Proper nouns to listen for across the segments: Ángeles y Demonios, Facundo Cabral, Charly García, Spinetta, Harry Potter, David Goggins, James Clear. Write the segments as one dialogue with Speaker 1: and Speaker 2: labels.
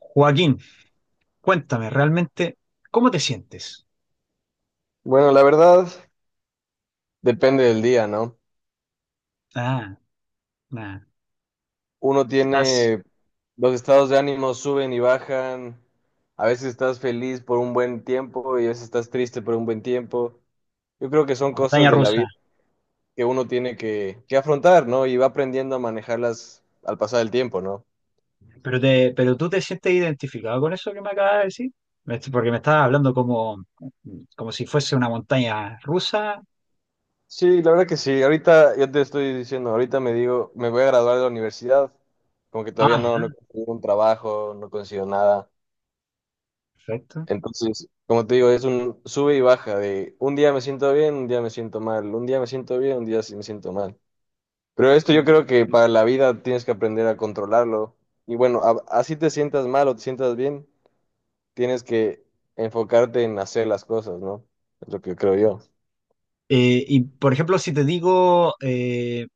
Speaker 1: Joaquín, cuéntame realmente, ¿cómo te sientes?
Speaker 2: Bueno, la verdad depende del día, ¿no?
Speaker 1: Ah, nada,
Speaker 2: Uno
Speaker 1: estás
Speaker 2: tiene, los estados de ánimo suben y bajan, a veces estás feliz por un buen tiempo y a veces estás triste por un buen tiempo. Yo creo que son cosas
Speaker 1: montaña
Speaker 2: de la
Speaker 1: rusa.
Speaker 2: vida que uno tiene que afrontar, ¿no? Y va aprendiendo a manejarlas al pasar el tiempo, ¿no?
Speaker 1: Pero tú te sientes identificado con eso que me acabas de decir. Porque me estabas hablando como si fuese una montaña rusa.
Speaker 2: Sí, la verdad que sí. Ahorita, yo te estoy diciendo, ahorita me digo, me voy a graduar de la universidad, como que todavía
Speaker 1: Ah,
Speaker 2: no, no
Speaker 1: ya,
Speaker 2: consigo un trabajo, no consigo nada.
Speaker 1: perfecto.
Speaker 2: Entonces, como te digo, es un sube y baja de un día me siento bien, un día me siento mal, un día me siento bien, un día sí me siento mal. Pero esto yo creo
Speaker 1: Y,
Speaker 2: que para la vida tienes que aprender a controlarlo. Y bueno, así te sientas mal o te sientas bien, tienes que enfocarte en hacer las cosas, ¿no? Es lo que creo yo.
Speaker 1: por ejemplo, si te digo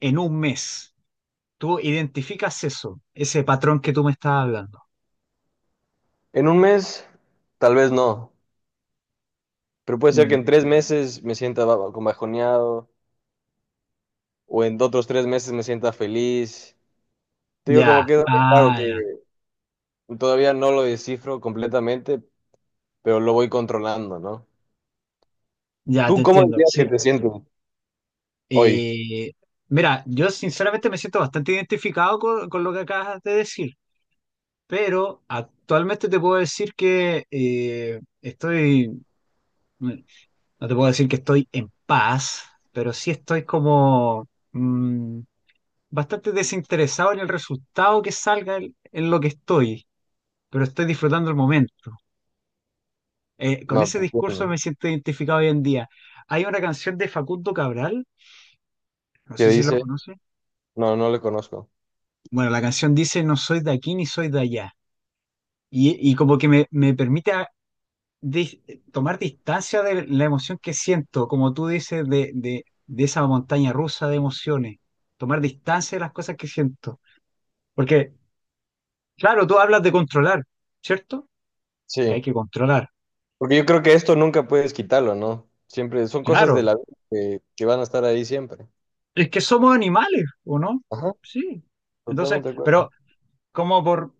Speaker 1: en un mes, tú identificas eso, ese patrón que tú me estabas hablando.
Speaker 2: En un mes, tal vez no, pero puede ser que
Speaker 1: Mm.
Speaker 2: en tres meses me sienta como bajoneado o en otros tres meses me sienta feliz. Te digo,
Speaker 1: Ya,
Speaker 2: como que es algo raro
Speaker 1: ah,
Speaker 2: que
Speaker 1: ya,
Speaker 2: todavía no lo descifro completamente, pero lo voy controlando, ¿no?
Speaker 1: ya te
Speaker 2: ¿Tú cómo
Speaker 1: entiendo.
Speaker 2: dirías que
Speaker 1: Sí.
Speaker 2: te sientes hoy?
Speaker 1: Eh, Mira, yo sinceramente me siento bastante identificado con lo que acabas de decir, pero actualmente te puedo decir que estoy, mm, no te puedo decir que estoy en paz, pero sí estoy como bastante desinteresado en el resultado que salga en lo que estoy, pero estoy disfrutando el momento. Con
Speaker 2: No,
Speaker 1: ese
Speaker 2: te
Speaker 1: discurso me
Speaker 2: entiendo.
Speaker 1: siento identificado hoy en día. Hay una canción de Facundo Cabral, no
Speaker 2: ¿Qué
Speaker 1: sé si lo
Speaker 2: dice?
Speaker 1: conoces.
Speaker 2: No, no le conozco.
Speaker 1: Bueno, la canción dice, no soy de aquí ni soy de allá. Y como que me permite dis- tomar distancia de la emoción que siento, como tú dices, de esa montaña rusa de emociones, tomar distancia de las cosas que siento. Porque, claro, tú hablas de controlar, ¿cierto? Que
Speaker 2: Sí,
Speaker 1: hay que controlar.
Speaker 2: porque yo creo que esto nunca puedes quitarlo, ¿no? Siempre son cosas de
Speaker 1: Claro,
Speaker 2: la vida que van a estar ahí siempre.
Speaker 1: es que somos animales, ¿o no?
Speaker 2: Ajá,
Speaker 1: Sí. Entonces,
Speaker 2: totalmente de
Speaker 1: pero
Speaker 2: acuerdo.
Speaker 1: como por,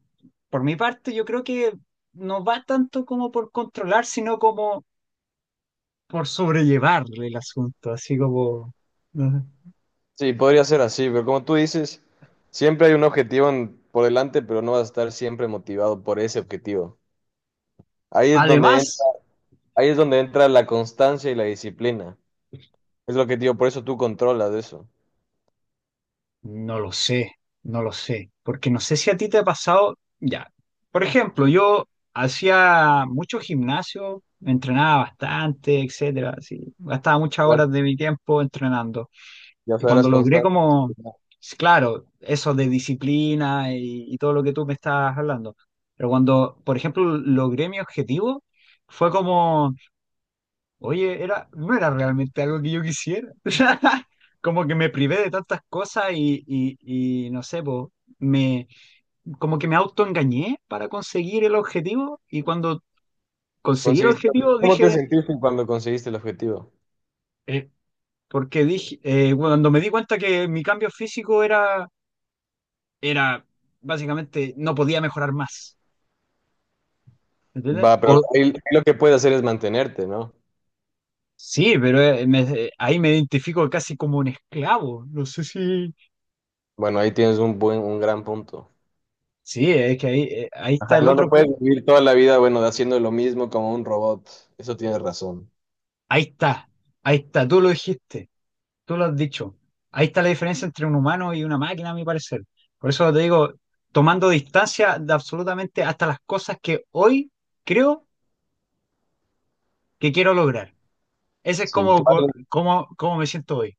Speaker 1: por mi parte, yo creo que no va tanto como por controlar, sino como por sobrellevar el asunto, así como... ¿no?
Speaker 2: Sí, podría ser así, pero como tú dices, siempre hay un objetivo por delante, pero no vas a estar siempre motivado por ese objetivo. Ahí es donde entra,
Speaker 1: Además,
Speaker 2: ahí es donde entra la constancia y la disciplina. Es lo que te digo, por eso tú controlas eso.
Speaker 1: no lo sé, no lo sé, porque no sé si a ti te ha pasado, ya. Por ejemplo, yo hacía mucho gimnasio, entrenaba bastante, etcétera, sí, gastaba muchas
Speaker 2: Ya,
Speaker 1: horas de mi tiempo entrenando.
Speaker 2: ya
Speaker 1: Y cuando
Speaker 2: sabrás
Speaker 1: logré
Speaker 2: constante.
Speaker 1: como, claro, eso de disciplina y todo lo que tú me estás hablando, pero cuando, por ejemplo, logré mi objetivo, fue como: oye, era, no era realmente algo que yo quisiera. Como que me privé de tantas cosas y no sé, po, me, como que me autoengañé para conseguir el objetivo y cuando conseguí el
Speaker 2: Conseguiste,
Speaker 1: objetivo
Speaker 2: ¿cómo te
Speaker 1: dije,
Speaker 2: sentiste cuando conseguiste el objetivo?
Speaker 1: eh, porque dije, cuando me di cuenta que mi cambio físico era, era básicamente no podía mejorar más. ¿Entiendes?
Speaker 2: Va,
Speaker 1: O,
Speaker 2: pero ahí lo que puedes hacer es mantenerte, ¿no?
Speaker 1: sí, pero ahí me identifico casi como un esclavo. No sé si...
Speaker 2: Bueno, ahí tienes un buen, un gran punto.
Speaker 1: Sí, es que ahí, ahí
Speaker 2: Ajá,
Speaker 1: está el
Speaker 2: no lo
Speaker 1: otro
Speaker 2: puedes
Speaker 1: punto.
Speaker 2: vivir toda la vida, bueno, haciendo lo mismo como un robot. Eso tienes razón.
Speaker 1: Ahí está, ahí está, tú lo dijiste, tú lo has dicho. Ahí está la diferencia entre un humano y una máquina, a mi parecer. Por eso te digo, tomando distancia de absolutamente hasta las cosas que hoy creo que quiero lograr. Ese es
Speaker 2: Sí,
Speaker 1: como, como, como me siento hoy.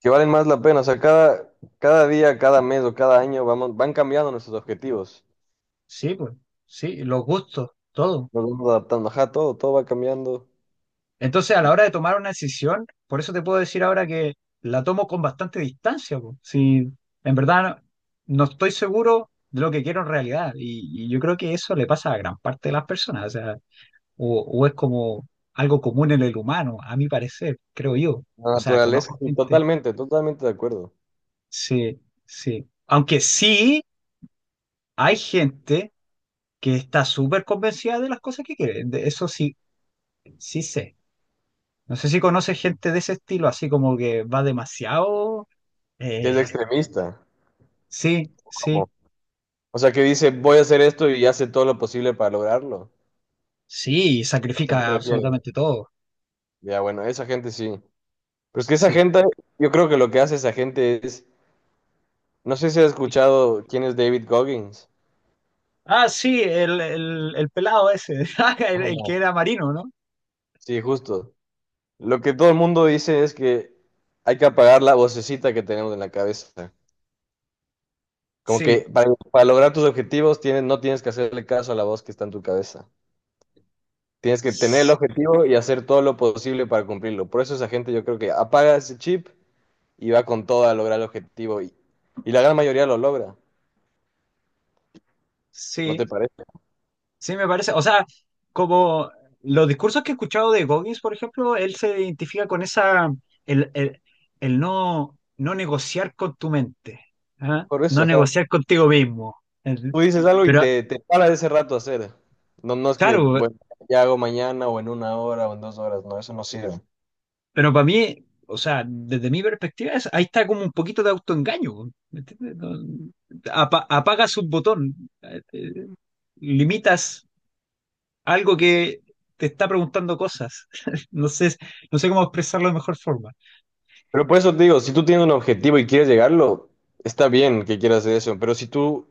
Speaker 2: que valen más la pena. O sea, cada, cada día, cada mes o cada año vamos, van cambiando nuestros objetivos.
Speaker 1: Sí, pues, sí, los gustos, todo.
Speaker 2: Nos vamos adaptando. Ajá, todo, todo va cambiando.
Speaker 1: Entonces, a
Speaker 2: Y
Speaker 1: la hora de tomar una decisión, por eso te puedo decir ahora que la tomo con bastante distancia, po. Si en verdad no, no estoy seguro de lo que quiero en realidad. Y yo creo que eso le pasa a gran parte de las personas. O sea, o es como algo común en el humano, a mi parecer, creo yo.
Speaker 2: la
Speaker 1: O sea,
Speaker 2: naturaleza,
Speaker 1: conozco
Speaker 2: sí,
Speaker 1: gente.
Speaker 2: totalmente, totalmente de acuerdo.
Speaker 1: Sí, sí. Aunque sí hay gente que está súper convencida de las cosas que quiere. De eso sí, sí sé. No sé si conoces gente de ese estilo, así como que va demasiado.
Speaker 2: Y es
Speaker 1: Eh,
Speaker 2: extremista.
Speaker 1: sí, sí,
Speaker 2: Como o sea, que dice, voy a hacer esto y hace todo lo posible para lograrlo.
Speaker 1: sí, y
Speaker 2: ¿A qué te
Speaker 1: sacrifica
Speaker 2: refieres?
Speaker 1: absolutamente todo.
Speaker 2: Ya, bueno, esa gente sí. Pero es que esa
Speaker 1: Sí.
Speaker 2: gente, yo creo que lo que hace esa gente es, no sé si has escuchado quién es David Goggins.
Speaker 1: Ah, sí, el pelado ese, ah, el que
Speaker 2: Ajá.
Speaker 1: era marino, ¿no?
Speaker 2: Sí, justo. Lo que todo el mundo dice es que hay que apagar la vocecita que tenemos en la cabeza. Como
Speaker 1: Sí,
Speaker 2: que para lograr tus objetivos tienes, no tienes que hacerle caso a la voz que está en tu cabeza. Tienes que tener el
Speaker 1: s-
Speaker 2: objetivo y hacer todo lo posible para cumplirlo. Por eso esa gente yo creo que apaga ese chip y va con todo a lograr el objetivo y la gran mayoría lo logra, ¿no te
Speaker 1: sí,
Speaker 2: parece?
Speaker 1: sí, me parece. O sea, como los discursos que he escuchado de Goggins, por ejemplo, él se identifica con esa, el, el, el no, no negociar con tu mente, ¿ah?
Speaker 2: Por
Speaker 1: No
Speaker 2: eso, ajá.
Speaker 1: negociar contigo mismo. El-
Speaker 2: Tú dices algo y
Speaker 1: Pero,
Speaker 2: te para ese rato a hacer. No, no es que,
Speaker 1: claro,
Speaker 2: bueno, ya hago mañana o en una hora o en dos horas, no, eso no sirve.
Speaker 1: pero para mí, o sea, desde mi perspectiva, ahí está como un poquito de autoengaño, po. ¿Me entiendes? Apagas un botón, eh, eh, limitas algo que te está preguntando cosas. No sé, no sé cómo expresarlo de mejor forma.
Speaker 2: Pero por eso te digo, si tú tienes un objetivo y quieres llegarlo, está bien que quieras hacer eso, pero si tú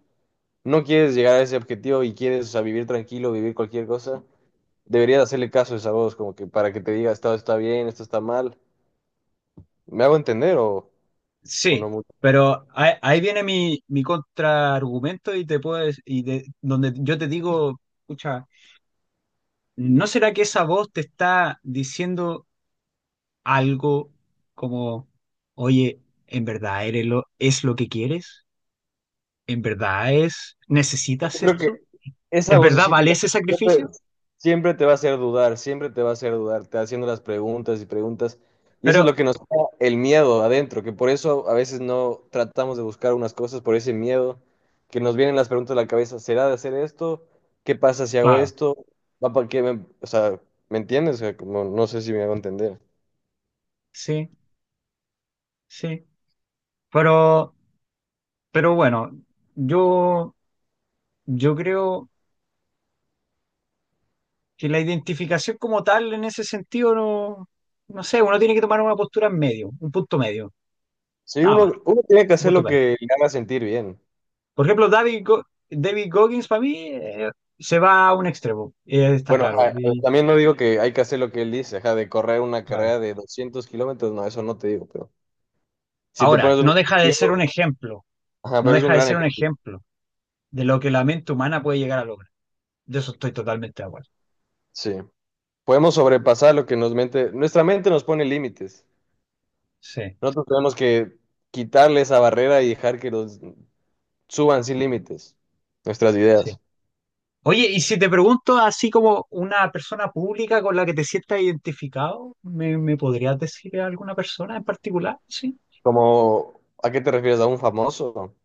Speaker 2: no quieres llegar a ese objetivo y quieres, o sea, vivir tranquilo, vivir cualquier cosa, deberías hacerle caso a esa voz, como que para que te diga, esto está bien, esto está mal. ¿Me hago entender o no
Speaker 1: Sí,
Speaker 2: mucho?
Speaker 1: pero ahí, ahí viene mi, mi contraargumento y te puedo dec- y de, donde yo te digo, escucha, ¿no será que esa voz te está diciendo algo como, oye, ¿en verdad eres lo, es lo que quieres? ¿En verdad es,
Speaker 2: Yo
Speaker 1: necesitas
Speaker 2: creo que
Speaker 1: esto?
Speaker 2: esa
Speaker 1: ¿En verdad
Speaker 2: vocecita
Speaker 1: vale ese
Speaker 2: de que
Speaker 1: sacrificio?
Speaker 2: siempre te va a hacer dudar, siempre te va a hacer dudar, te va haciendo las preguntas y preguntas. Y eso
Speaker 1: Pero,
Speaker 2: es lo que nos da el miedo adentro, que por eso a veces no tratamos de buscar unas cosas, por ese miedo, que nos vienen las preguntas a la cabeza, ¿será de hacer esto? ¿Qué pasa si hago
Speaker 1: claro,
Speaker 2: esto? ¿Va para qué me- O sea, ¿me entiendes? O sea, como, no sé si me hago entender.
Speaker 1: sí, sí. Pero, pero bueno, yo, yo creo que la identificación como tal en ese sentido no, no sé, uno tiene que tomar una postura en medio, un punto medio,
Speaker 2: Sí,
Speaker 1: nada más,
Speaker 2: uno tiene que
Speaker 1: un
Speaker 2: hacer
Speaker 1: punto
Speaker 2: lo
Speaker 1: medio.
Speaker 2: que le haga sentir bien.
Speaker 1: Por ejemplo, David Goggins para mí se va a un extremo, está
Speaker 2: Bueno,
Speaker 1: claro.
Speaker 2: ajá, también no digo que hay que hacer lo que él dice, ajá, de correr una
Speaker 1: Claro.
Speaker 2: carrera de 200 kilómetros, no, eso no te digo, pero... Si te
Speaker 1: Ahora,
Speaker 2: pones un
Speaker 1: no deja de ser un
Speaker 2: objetivo,
Speaker 1: ejemplo,
Speaker 2: ajá,
Speaker 1: no
Speaker 2: pero es un
Speaker 1: deja de
Speaker 2: gran
Speaker 1: ser un
Speaker 2: ejemplo.
Speaker 1: ejemplo de lo que la mente humana puede llegar a lograr. De eso estoy totalmente de acuerdo.
Speaker 2: Sí. Podemos sobrepasar lo que nos mente, nuestra mente nos pone límites.
Speaker 1: Sí,
Speaker 2: Nosotros tenemos que quitarle esa barrera y dejar que los suban sin límites nuestras
Speaker 1: sí.
Speaker 2: ideas.
Speaker 1: Oye, y si te pregunto así como una persona pública con la que te sientas identificado, ¿me, me podrías decir a alguna persona en particular? Sí,
Speaker 2: Como, ¿a qué te refieres? ¿A un famoso?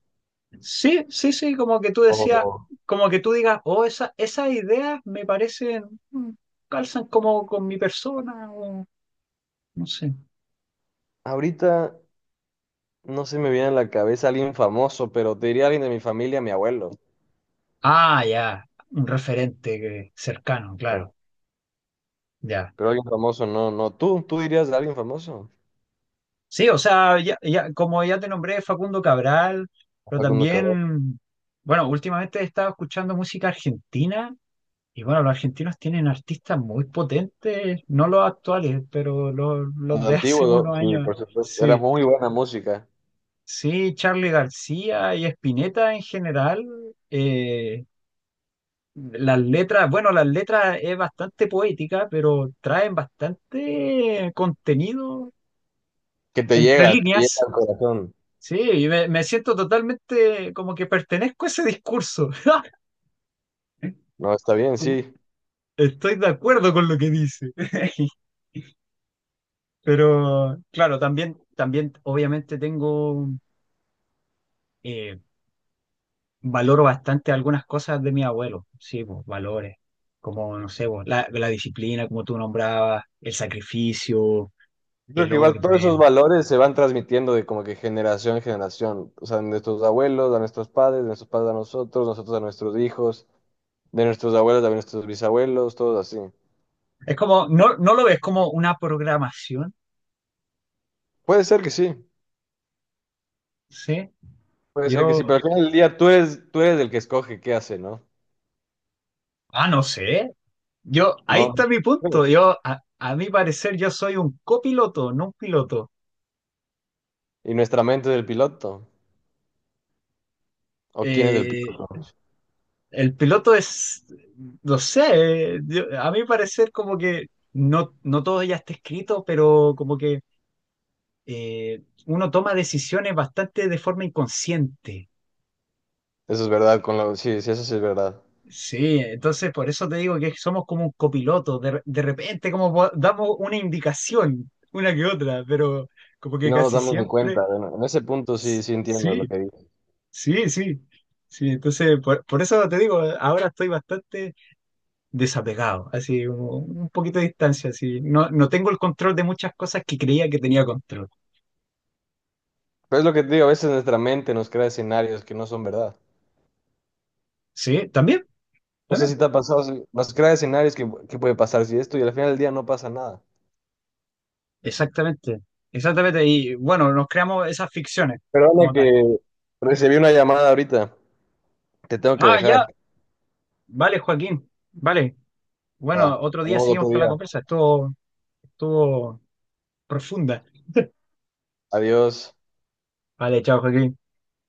Speaker 1: sí, sí, sí, como que tú decías,
Speaker 2: O
Speaker 1: como que tú digas, oh, esa, esas ideas me parecen, mm, calzan como con mi persona, o no sé.
Speaker 2: ahorita no se me viene a la cabeza alguien famoso, pero te diría alguien de mi familia, mi abuelo.
Speaker 1: Ah, ya, un cercano,
Speaker 2: Ah,
Speaker 1: claro, ya.
Speaker 2: pero alguien famoso, no, no. ¿Tú, tú dirías de alguien famoso?
Speaker 1: Sí, o sea, como ya te nombré, Facundo Cabral, pero
Speaker 2: Facundo Cabral.
Speaker 1: también, bueno, últimamente he estado escuchando música argentina y bueno, los argentinos tienen artistas muy potentes, no los actuales, pero los de hace
Speaker 2: Antiguo, ¿no?
Speaker 1: unos
Speaker 2: Sí,
Speaker 1: años.
Speaker 2: por supuesto. Era
Speaker 1: Sí,
Speaker 2: muy buena música.
Speaker 1: sí, Charly García y Spinetta en general. eh, las letras, bueno, las letras es bastante poética, pero traen bastante contenido
Speaker 2: Que
Speaker 1: entre
Speaker 2: te llega
Speaker 1: líneas.
Speaker 2: al corazón.
Speaker 1: Sí, y me siento totalmente como que pertenezco a ese discurso.
Speaker 2: No, está bien,
Speaker 1: Como,
Speaker 2: sí.
Speaker 1: estoy de acuerdo con lo que dice. Pero claro, también, también obviamente tengo, eh, valoro bastante algunas cosas de mi abuelo. Sí, pues, valores, como, no sé, pues, la disciplina, como tú nombrabas, el sacrificio,
Speaker 2: Yo creo
Speaker 1: el
Speaker 2: que igual todos esos
Speaker 1: orden.
Speaker 2: valores se van transmitiendo de como que generación en generación. O sea, de nuestros abuelos a nuestros padres, de nuestros padres a nosotros, nosotros a nuestros hijos, de nuestros abuelos a nuestros bisabuelos, todos así.
Speaker 1: Es como, no, no lo ves como una programación,
Speaker 2: Puede ser que sí,
Speaker 1: ¿sí?
Speaker 2: puede ser que sí,
Speaker 1: Yo,
Speaker 2: pero al final del día tú eres el que escoge qué hace, ¿no?
Speaker 1: ah, no sé. Yo, ahí
Speaker 2: No,
Speaker 1: está mi punto.
Speaker 2: pues,
Speaker 1: Yo, a mi parecer, yo soy un copiloto, no un piloto.
Speaker 2: y nuestra mente es el piloto. ¿O quién es el
Speaker 1: Eh,
Speaker 2: piloto?
Speaker 1: el piloto es, no sé, a mi parecer como que no, no todo ya está escrito, pero como que uno toma decisiones bastante de forma inconsciente.
Speaker 2: Eso es verdad, con lo... sí, sí, eso sí es verdad.
Speaker 1: Sí, entonces por eso te digo que somos como un copiloto. De repente damos una indicación, una que otra, pero como
Speaker 2: Y
Speaker 1: que
Speaker 2: no nos
Speaker 1: casi
Speaker 2: damos ni
Speaker 1: siempre,
Speaker 2: cuenta. Bueno, en ese punto sí, sí entiendo lo
Speaker 1: sí.
Speaker 2: que
Speaker 1: Sí, sí, sí, entonces por eso te digo, ahora estoy bastante desapegado, así un poquito de distancia, así, no, no tengo el control de muchas cosas que creía que tenía control.
Speaker 2: Pero es lo que te digo, a veces nuestra mente nos crea escenarios que no son verdad.
Speaker 1: Sí, también,
Speaker 2: No sé si
Speaker 1: también,
Speaker 2: te ha pasado, si- nos crea escenarios que puede pasar si esto y al final del día no pasa nada.
Speaker 1: exactamente, exactamente, y bueno, nos creamos esas ficciones
Speaker 2: Perdona
Speaker 1: como tal.
Speaker 2: que recibí una llamada ahorita, te tengo que
Speaker 1: Ah,
Speaker 2: dejar.
Speaker 1: ya, vale, Joaquín, vale,
Speaker 2: Va,
Speaker 1: bueno, otro día
Speaker 2: hablamos
Speaker 1: seguimos
Speaker 2: otro
Speaker 1: con
Speaker 2: día.
Speaker 1: la conversa, estuvo, estuvo profunda.
Speaker 2: Adiós.
Speaker 1: Vale, chao, Joaquín.